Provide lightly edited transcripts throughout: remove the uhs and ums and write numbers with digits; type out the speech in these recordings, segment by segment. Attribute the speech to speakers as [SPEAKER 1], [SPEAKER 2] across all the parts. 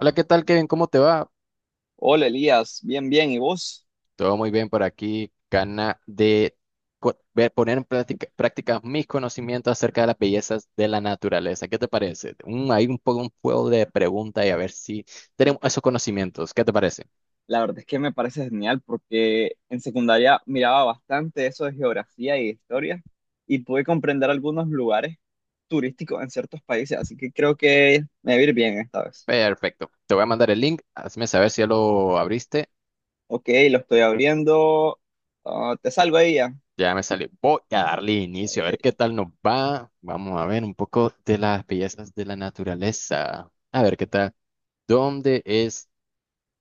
[SPEAKER 1] Hola, ¿qué tal, Kevin? ¿Cómo te va?
[SPEAKER 2] Hola Elías, bien, bien. ¿Y vos?
[SPEAKER 1] Todo muy bien por aquí. Gana de poner en práctica mis conocimientos acerca de las bellezas de la naturaleza. ¿Qué te parece? Hay un poco un juego de preguntas y a ver si tenemos esos conocimientos. ¿Qué te parece?
[SPEAKER 2] La verdad es que me parece genial porque en secundaria miraba bastante eso de geografía y de historia y pude comprender algunos lugares turísticos en ciertos países, así que creo que me va a ir bien esta vez.
[SPEAKER 1] Perfecto. Te voy a mandar el link. Hazme saber si ya lo abriste.
[SPEAKER 2] Ok, lo estoy abriendo. Ah, te salgo ahí ya.
[SPEAKER 1] Ya me salió. Voy a darle inicio a
[SPEAKER 2] Ok.
[SPEAKER 1] ver qué tal nos va. Vamos a ver un poco de las bellezas de la naturaleza. A ver qué tal. ¿Dónde es?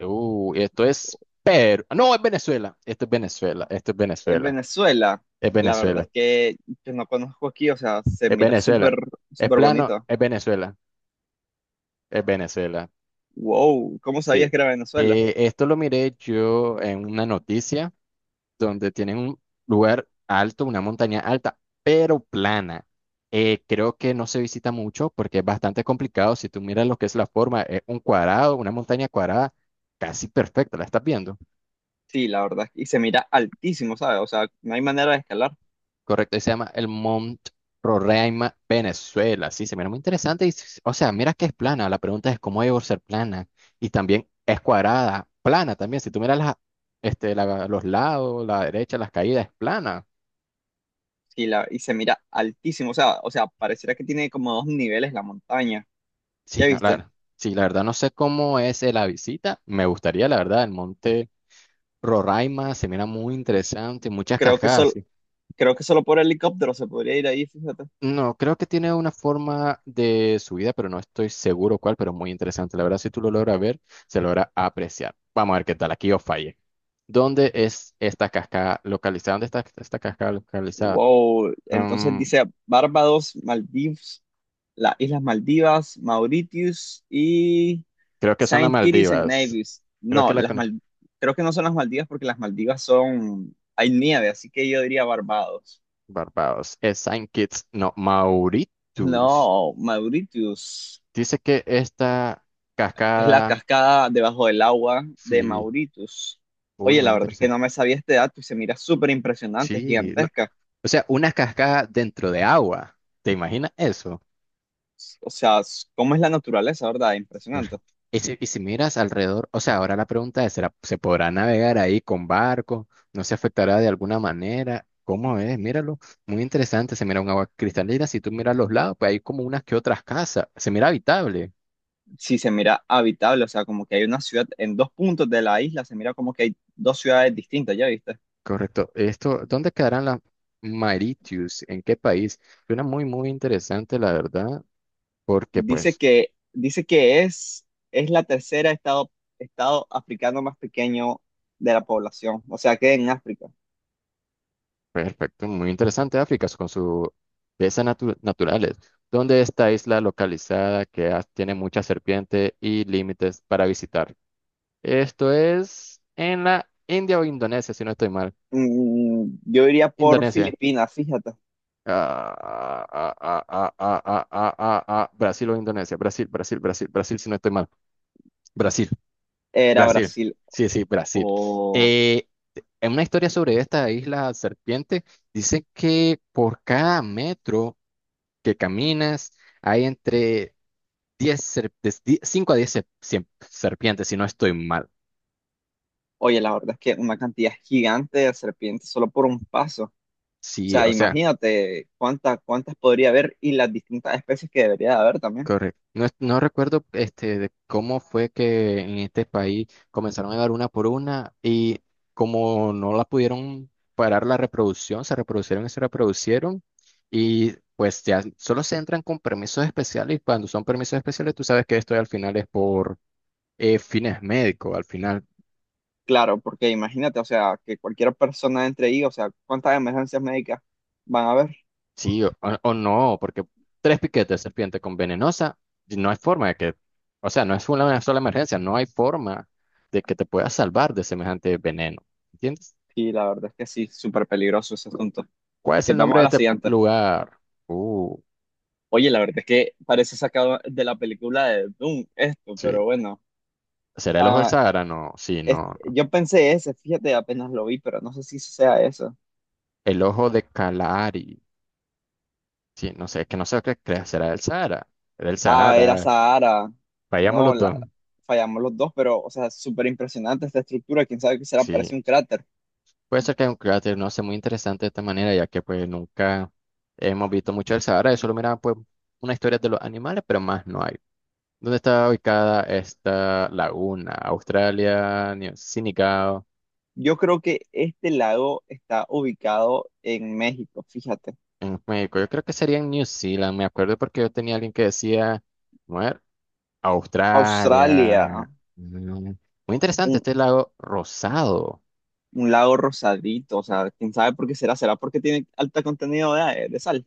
[SPEAKER 1] Esto es Perú. No, es Venezuela. Esto es Venezuela. Esto es
[SPEAKER 2] En
[SPEAKER 1] Venezuela.
[SPEAKER 2] Venezuela,
[SPEAKER 1] Es
[SPEAKER 2] la verdad
[SPEAKER 1] Venezuela.
[SPEAKER 2] es que yo no conozco aquí, o sea, se
[SPEAKER 1] Es
[SPEAKER 2] mira súper,
[SPEAKER 1] Venezuela. Es
[SPEAKER 2] súper
[SPEAKER 1] plano.
[SPEAKER 2] bonito.
[SPEAKER 1] Es Venezuela. Es Venezuela.
[SPEAKER 2] Wow, ¿cómo
[SPEAKER 1] Sí.
[SPEAKER 2] sabías que era Venezuela?
[SPEAKER 1] Esto lo miré yo en una noticia donde tienen un lugar alto, una montaña alta, pero plana. Creo que no se visita mucho porque es bastante complicado. Si tú miras lo que es la forma, es un cuadrado, una montaña cuadrada casi perfecta. ¿La estás viendo?
[SPEAKER 2] Sí, la verdad, y se mira altísimo, ¿sabes? O sea, no hay manera de escalar.
[SPEAKER 1] Correcto, y se llama el Mount Roraima, Venezuela. Sí, se mira muy interesante. O sea, mira que es plana. La pregunta es cómo debe ser plana. Y también es cuadrada, plana también. Si tú miras los lados, la derecha, las caídas, es plana.
[SPEAKER 2] Y se mira altísimo, o sea, pareciera que tiene como dos niveles la montaña.
[SPEAKER 1] Sí,
[SPEAKER 2] ¿Ya viste?
[SPEAKER 1] sí, la verdad no sé cómo es la visita. Me gustaría, la verdad, el monte Roraima se mira muy interesante, muchas
[SPEAKER 2] Creo que
[SPEAKER 1] cascadas.
[SPEAKER 2] solo,
[SPEAKER 1] Sí.
[SPEAKER 2] Creo que solo por helicóptero se podría ir ahí, fíjate.
[SPEAKER 1] No, creo que tiene una forma de subida, pero no estoy seguro cuál, pero muy interesante. La verdad, si tú lo logras ver, se logra apreciar. Vamos a ver qué tal, aquí os falle. ¿Dónde es esta cascada localizada? ¿Dónde está esta cascada localizada?
[SPEAKER 2] Wow, entonces
[SPEAKER 1] Mm,
[SPEAKER 2] dice Barbados, Maldivas, las Islas Maldivas, Mauritius y
[SPEAKER 1] creo que son las
[SPEAKER 2] Saint Kitts and
[SPEAKER 1] Maldivas.
[SPEAKER 2] Nevis.
[SPEAKER 1] Creo que
[SPEAKER 2] No,
[SPEAKER 1] la
[SPEAKER 2] las
[SPEAKER 1] con
[SPEAKER 2] Mal- creo que no son las Maldivas porque las Maldivas son, hay nieve, así que yo diría Barbados.
[SPEAKER 1] Barbados. Es Saint Kitts, no, Mauritius.
[SPEAKER 2] No, Mauritius.
[SPEAKER 1] Dice que esta
[SPEAKER 2] Es la
[SPEAKER 1] cascada,
[SPEAKER 2] cascada debajo del agua de
[SPEAKER 1] sí,
[SPEAKER 2] Mauritius.
[SPEAKER 1] uy,
[SPEAKER 2] Oye,
[SPEAKER 1] muy
[SPEAKER 2] la verdad es que
[SPEAKER 1] interesante.
[SPEAKER 2] no me sabía este dato y se mira súper impresionante,
[SPEAKER 1] Sí, no,
[SPEAKER 2] gigantesca.
[SPEAKER 1] o sea, una cascada dentro de agua. ¿Te imaginas eso?
[SPEAKER 2] O sea, s- ¿cómo es la naturaleza, verdad?
[SPEAKER 1] Claro.
[SPEAKER 2] Impresionante.
[SPEAKER 1] Y si miras alrededor, o sea, ahora la pregunta es, ¿se podrá navegar ahí con barco? ¿No se afectará de alguna manera? ¿Cómo es? Míralo, muy interesante, se mira un agua cristalina, si tú miras los lados, pues hay como unas que otras casas, se mira habitable,
[SPEAKER 2] Sí, se mira habitable, o sea, como que hay una ciudad en dos puntos de la isla, se mira como que hay dos ciudades distintas, ¿ya viste?
[SPEAKER 1] correcto. Esto, ¿dónde quedarán las Mauritius? ¿En qué país? Suena muy, muy interesante, la verdad, porque pues...
[SPEAKER 2] Dice que es la tercera estado, estado africano más pequeño de la población, o sea, que en África.
[SPEAKER 1] Perfecto, muy interesante África con sus bellezas naturales. ¿Dónde esta isla localizada tiene muchas serpientes y límites para visitar? Esto es en la India o Indonesia, si no estoy mal.
[SPEAKER 2] Mm, yo iría por
[SPEAKER 1] Indonesia.
[SPEAKER 2] Filipinas, fíjate.
[SPEAKER 1] Ah, ah, ah, ah, ah, ah, ah, ah, ah, ah, Brasil o Indonesia. Brasil, si no estoy mal. Brasil,
[SPEAKER 2] Era
[SPEAKER 1] Brasil.
[SPEAKER 2] Brasil.
[SPEAKER 1] Sí, sí, Brasil.
[SPEAKER 2] O,
[SPEAKER 1] Eh, en una historia sobre esta isla serpiente, dice que por cada metro que caminas, hay entre de 5 a diez serpientes, si no estoy mal.
[SPEAKER 2] oye, la verdad es que una cantidad gigante de serpientes solo por un paso. O
[SPEAKER 1] Sí,
[SPEAKER 2] sea,
[SPEAKER 1] o sea,
[SPEAKER 2] imagínate cuántas podría haber y las distintas especies que debería de haber también.
[SPEAKER 1] correcto. No, no recuerdo de cómo fue que en este país comenzaron a dar una por una y como no la pudieron parar la reproducción, se reproducieron y pues ya solo se entran con permisos especiales y cuando son permisos especiales tú sabes que esto al final es por fines médicos, al final.
[SPEAKER 2] Claro, porque imagínate, o sea, que cualquier persona entre ahí, o sea, cuántas emergencias médicas van a haber.
[SPEAKER 1] Sí, o no, porque tres piquetes de serpiente con venenosa, no hay forma de que, o sea, no es una sola emergencia, no hay forma de que te puedas salvar de semejante veneno. ¿Entiendes?
[SPEAKER 2] Y la verdad es que sí, súper peligroso ese asunto.
[SPEAKER 1] ¿Cuál
[SPEAKER 2] Ok,
[SPEAKER 1] es el nombre
[SPEAKER 2] vamos
[SPEAKER 1] de
[SPEAKER 2] a la
[SPEAKER 1] este
[SPEAKER 2] siguiente.
[SPEAKER 1] lugar? Uh,
[SPEAKER 2] Oye, la verdad es que parece sacado de la película de Doom esto,
[SPEAKER 1] sí.
[SPEAKER 2] pero bueno.
[SPEAKER 1] ¿Será el ojo del
[SPEAKER 2] Ah,
[SPEAKER 1] Sahara? No, sí,
[SPEAKER 2] es-
[SPEAKER 1] no. No.
[SPEAKER 2] yo pensé ese, fíjate, apenas lo vi, pero no sé si sea eso.
[SPEAKER 1] El ojo de Kalahari. Sí, no sé, es que no sé será el Sahara. Era el
[SPEAKER 2] Ah, era
[SPEAKER 1] Sahara.
[SPEAKER 2] Sahara.
[SPEAKER 1] Vayamos
[SPEAKER 2] No,
[SPEAKER 1] los
[SPEAKER 2] la,
[SPEAKER 1] dos.
[SPEAKER 2] fallamos los dos, pero, o sea, súper impresionante esta estructura. Quién sabe qué será,
[SPEAKER 1] Sí.
[SPEAKER 2] parece un cráter.
[SPEAKER 1] Puede ser que haya un cráter, no sé, muy interesante de esta manera, ya que pues nunca hemos visto mucho el Sahara, solo mira pues una historia de los animales, pero más no hay. ¿Dónde está ubicada esta laguna? Australia, New Sinicao,
[SPEAKER 2] Yo creo que este lago está ubicado en México, fíjate.
[SPEAKER 1] en México. Yo creo que sería en New Zealand, me acuerdo porque yo tenía alguien que decía, bueno,
[SPEAKER 2] Australia,
[SPEAKER 1] Australia. Mm, Muy interesante
[SPEAKER 2] un,
[SPEAKER 1] este lago rosado.
[SPEAKER 2] un lago rosadito, o sea, quién sabe por qué será. ¿Será porque tiene alto contenido de sal?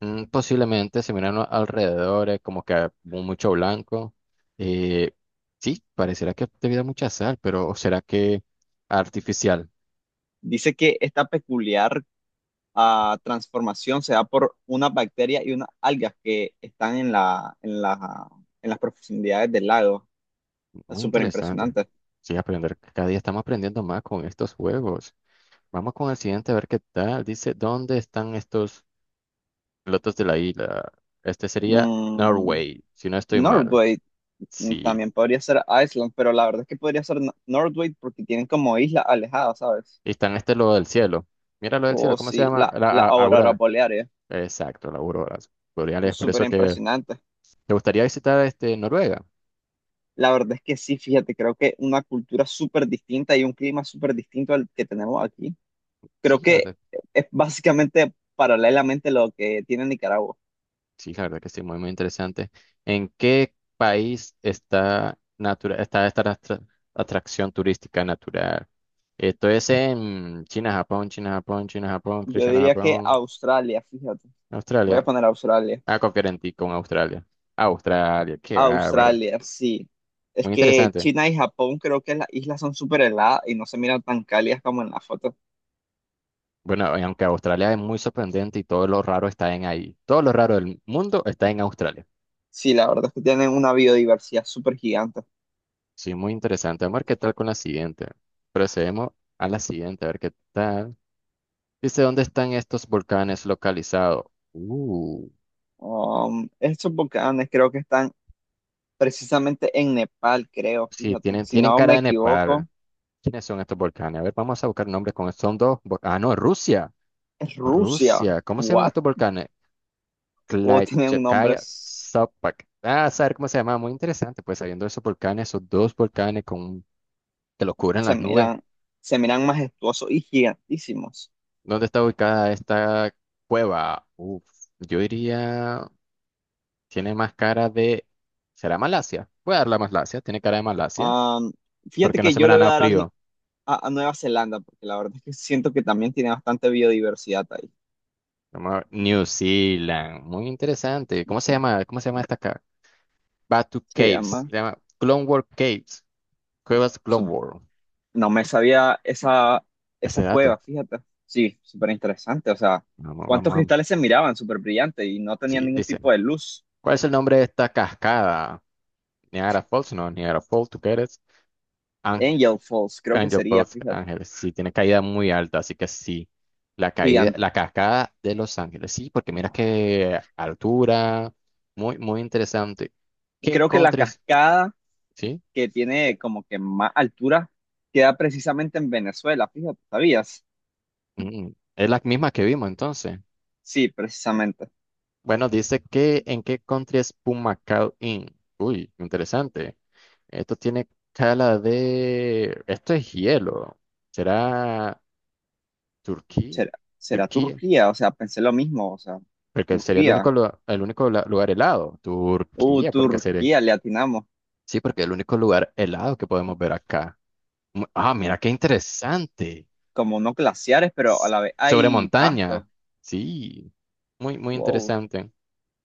[SPEAKER 1] Posiblemente se miran alrededores, como que mucho blanco. Eh, sí, parecerá que debido a mucha sal, pero ¿será que artificial?
[SPEAKER 2] Dice que esta peculiar transformación se da por una bacteria y unas algas que están en las profundidades del lago. Está
[SPEAKER 1] Muy
[SPEAKER 2] súper
[SPEAKER 1] interesante.
[SPEAKER 2] impresionante.
[SPEAKER 1] Sí, aprender. Cada día estamos aprendiendo más con estos juegos. Vamos con el siguiente a ver qué tal. Dice, ¿dónde están estos pilotos de la isla? Este sería
[SPEAKER 2] Mm,
[SPEAKER 1] Norway, si no estoy mal.
[SPEAKER 2] Northgate mm,
[SPEAKER 1] Sí.
[SPEAKER 2] también podría ser Iceland, pero la verdad es que podría ser Nor- Northgate porque tienen como islas alejadas, ¿sabes?
[SPEAKER 1] Y están este lo del cielo. Mira lo del
[SPEAKER 2] O
[SPEAKER 1] cielo, ¿cómo se
[SPEAKER 2] sí,
[SPEAKER 1] llama? La
[SPEAKER 2] la aurora
[SPEAKER 1] aurora.
[SPEAKER 2] boreal,
[SPEAKER 1] Exacto, la aurora boreal. Es por
[SPEAKER 2] súper
[SPEAKER 1] eso que
[SPEAKER 2] impresionante.
[SPEAKER 1] ¿te gustaría visitar este Noruega?
[SPEAKER 2] La verdad es que sí, fíjate, creo que una cultura súper distinta y un clima súper distinto al que tenemos aquí.
[SPEAKER 1] Sí,
[SPEAKER 2] Creo
[SPEAKER 1] la
[SPEAKER 2] que
[SPEAKER 1] verdad,
[SPEAKER 2] es básicamente paralelamente lo que tiene Nicaragua.
[SPEAKER 1] sí, la verdad que sí, muy muy interesante. ¿En qué país está está esta atracción turística natural? Esto es en China, Japón, China, Japón, China, Japón, creo
[SPEAKER 2] Yo
[SPEAKER 1] China,
[SPEAKER 2] diría que
[SPEAKER 1] Japón,
[SPEAKER 2] Australia, fíjate. Voy a
[SPEAKER 1] Australia.
[SPEAKER 2] poner Australia.
[SPEAKER 1] Ah, conferentí con Australia. Australia, qué bárbaro.
[SPEAKER 2] Australia, sí. Es
[SPEAKER 1] Muy
[SPEAKER 2] que
[SPEAKER 1] interesante.
[SPEAKER 2] China y Japón creo que las islas son súper heladas y no se miran tan cálidas como en la foto.
[SPEAKER 1] Bueno, y aunque Australia es muy sorprendente y todo lo raro está en ahí. Todo lo raro del mundo está en Australia.
[SPEAKER 2] Sí, la verdad es que tienen una biodiversidad súper gigante.
[SPEAKER 1] Sí, muy interesante. Vamos a ver qué tal con la siguiente. Procedemos a la siguiente, a ver qué tal. Dice, ¿dónde están estos volcanes localizados? Uh,
[SPEAKER 2] Estos volcanes creo que están precisamente en Nepal, creo,
[SPEAKER 1] sí,
[SPEAKER 2] fíjate. Si
[SPEAKER 1] tienen
[SPEAKER 2] no
[SPEAKER 1] cara
[SPEAKER 2] me
[SPEAKER 1] de Nepal.
[SPEAKER 2] equivoco,
[SPEAKER 1] ¿Quiénes son estos volcanes? A ver, vamos a buscar nombres con... Son dos... Ah, no, Rusia.
[SPEAKER 2] es Rusia.
[SPEAKER 1] Rusia. ¿Cómo se llaman
[SPEAKER 2] ¿What?
[SPEAKER 1] estos volcanes?
[SPEAKER 2] O tienen un nombre,
[SPEAKER 1] Klaichevskaya
[SPEAKER 2] s-
[SPEAKER 1] Sopak. Ah, saber cómo se llama. Muy interesante. Pues sabiendo esos volcanes, esos dos volcanes con... que los cubren
[SPEAKER 2] se
[SPEAKER 1] las nubes.
[SPEAKER 2] miran, se miran majestuosos y gigantísimos.
[SPEAKER 1] ¿Dónde está ubicada esta cueva? Uf, yo diría... Tiene más cara de... ¿Será Malasia? Voy a darle a Malasia. Tiene cara de Malasia.
[SPEAKER 2] Um, Fíjate
[SPEAKER 1] Porque no
[SPEAKER 2] que
[SPEAKER 1] se me
[SPEAKER 2] yo le
[SPEAKER 1] da
[SPEAKER 2] voy a
[SPEAKER 1] nada
[SPEAKER 2] dar
[SPEAKER 1] frío.
[SPEAKER 2] a Nueva Zelanda, porque la verdad es que siento que también tiene bastante biodiversidad ahí.
[SPEAKER 1] Vamos a ver, New Zealand. Muy interesante. ¿Cómo se llama? ¿Cómo se llama esta acá? Batu
[SPEAKER 2] Se
[SPEAKER 1] Caves.
[SPEAKER 2] llama.
[SPEAKER 1] Se llama Clone World Caves. Cuevas Clone
[SPEAKER 2] Sup-
[SPEAKER 1] World.
[SPEAKER 2] No me sabía
[SPEAKER 1] Este
[SPEAKER 2] esa
[SPEAKER 1] dato.
[SPEAKER 2] cueva, fíjate. Sí, súper interesante. O sea,
[SPEAKER 1] Vamos,
[SPEAKER 2] ¿cuántos
[SPEAKER 1] vamos,
[SPEAKER 2] cristales
[SPEAKER 1] vamos.
[SPEAKER 2] se miraban? Súper brillante y no tenían
[SPEAKER 1] Sí,
[SPEAKER 2] ningún
[SPEAKER 1] dice.
[SPEAKER 2] tipo de luz.
[SPEAKER 1] ¿Cuál es el nombre de esta cascada? Niagara Falls. No, Niagara Falls. ¿Tú qué eres?
[SPEAKER 2] Angel Falls, creo que
[SPEAKER 1] Angel
[SPEAKER 2] sería,
[SPEAKER 1] Post
[SPEAKER 2] fíjate.
[SPEAKER 1] Ángeles, sí, tiene caída muy alta, así que sí. La caída,
[SPEAKER 2] Gigan-
[SPEAKER 1] la cascada de Los Ángeles, sí, porque mira qué altura, muy, muy interesante. ¿Qué
[SPEAKER 2] Creo que la
[SPEAKER 1] countries?
[SPEAKER 2] cascada
[SPEAKER 1] Sí,
[SPEAKER 2] que tiene como que más altura queda precisamente en Venezuela, fíjate, ¿sabías?
[SPEAKER 1] mm, es la misma que vimos entonces.
[SPEAKER 2] Sí, precisamente.
[SPEAKER 1] Bueno, dice que en qué country es Pumacao Inn. Uy, interesante. Esto tiene cala de. Esto es hielo. ¿Será Turquía?
[SPEAKER 2] ¿Será, ¿Será
[SPEAKER 1] Turquía.
[SPEAKER 2] Turquía? O sea, pensé lo mismo, o sea,
[SPEAKER 1] Porque sería el único,
[SPEAKER 2] Turquía.
[SPEAKER 1] el único lugar helado. Turquía, porque sería.
[SPEAKER 2] Turquía, le atinamos.
[SPEAKER 1] Sí, porque es el único lugar helado que podemos ver acá. Ah, mira qué interesante.
[SPEAKER 2] Como no glaciares, pero a
[SPEAKER 1] S-
[SPEAKER 2] la vez
[SPEAKER 1] Sobre
[SPEAKER 2] hay
[SPEAKER 1] montaña.
[SPEAKER 2] pasto.
[SPEAKER 1] Sí, muy, muy
[SPEAKER 2] Wow.
[SPEAKER 1] interesante.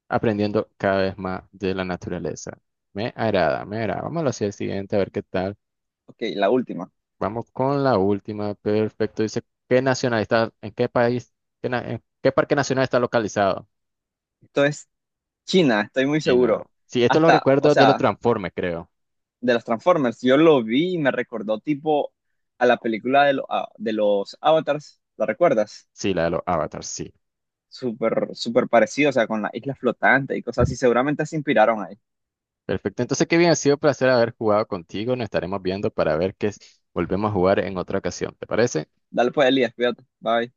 [SPEAKER 1] Aprendiendo cada vez más de la naturaleza. Me agrada, me agrada. Vamos hacia el siguiente a ver qué tal.
[SPEAKER 2] Ok, la última.
[SPEAKER 1] Vamos con la última. Perfecto. Dice, ¿qué nacional está? ¿En qué país? ¿En qué parque nacional está localizado?
[SPEAKER 2] Esto es China, estoy muy
[SPEAKER 1] China.
[SPEAKER 2] seguro.
[SPEAKER 1] Sí, esto lo
[SPEAKER 2] Hasta, o
[SPEAKER 1] recuerdo de los
[SPEAKER 2] sea,
[SPEAKER 1] Transformers, creo.
[SPEAKER 2] de los Transformers, yo lo vi y me recordó tipo a la película de, lo- a- de los Avatars, ¿la recuerdas?
[SPEAKER 1] Sí, la de los avatars, sí.
[SPEAKER 2] Súper, súper parecido, o sea, con la isla flotante y cosas así. Seguramente se inspiraron ahí.
[SPEAKER 1] Perfecto. Entonces, qué bien, ha sido un placer haber jugado contigo. Nos estaremos viendo para ver volvemos a jugar en otra ocasión. ¿Te parece?
[SPEAKER 2] Dale pues, Elías, cuídate. Bye.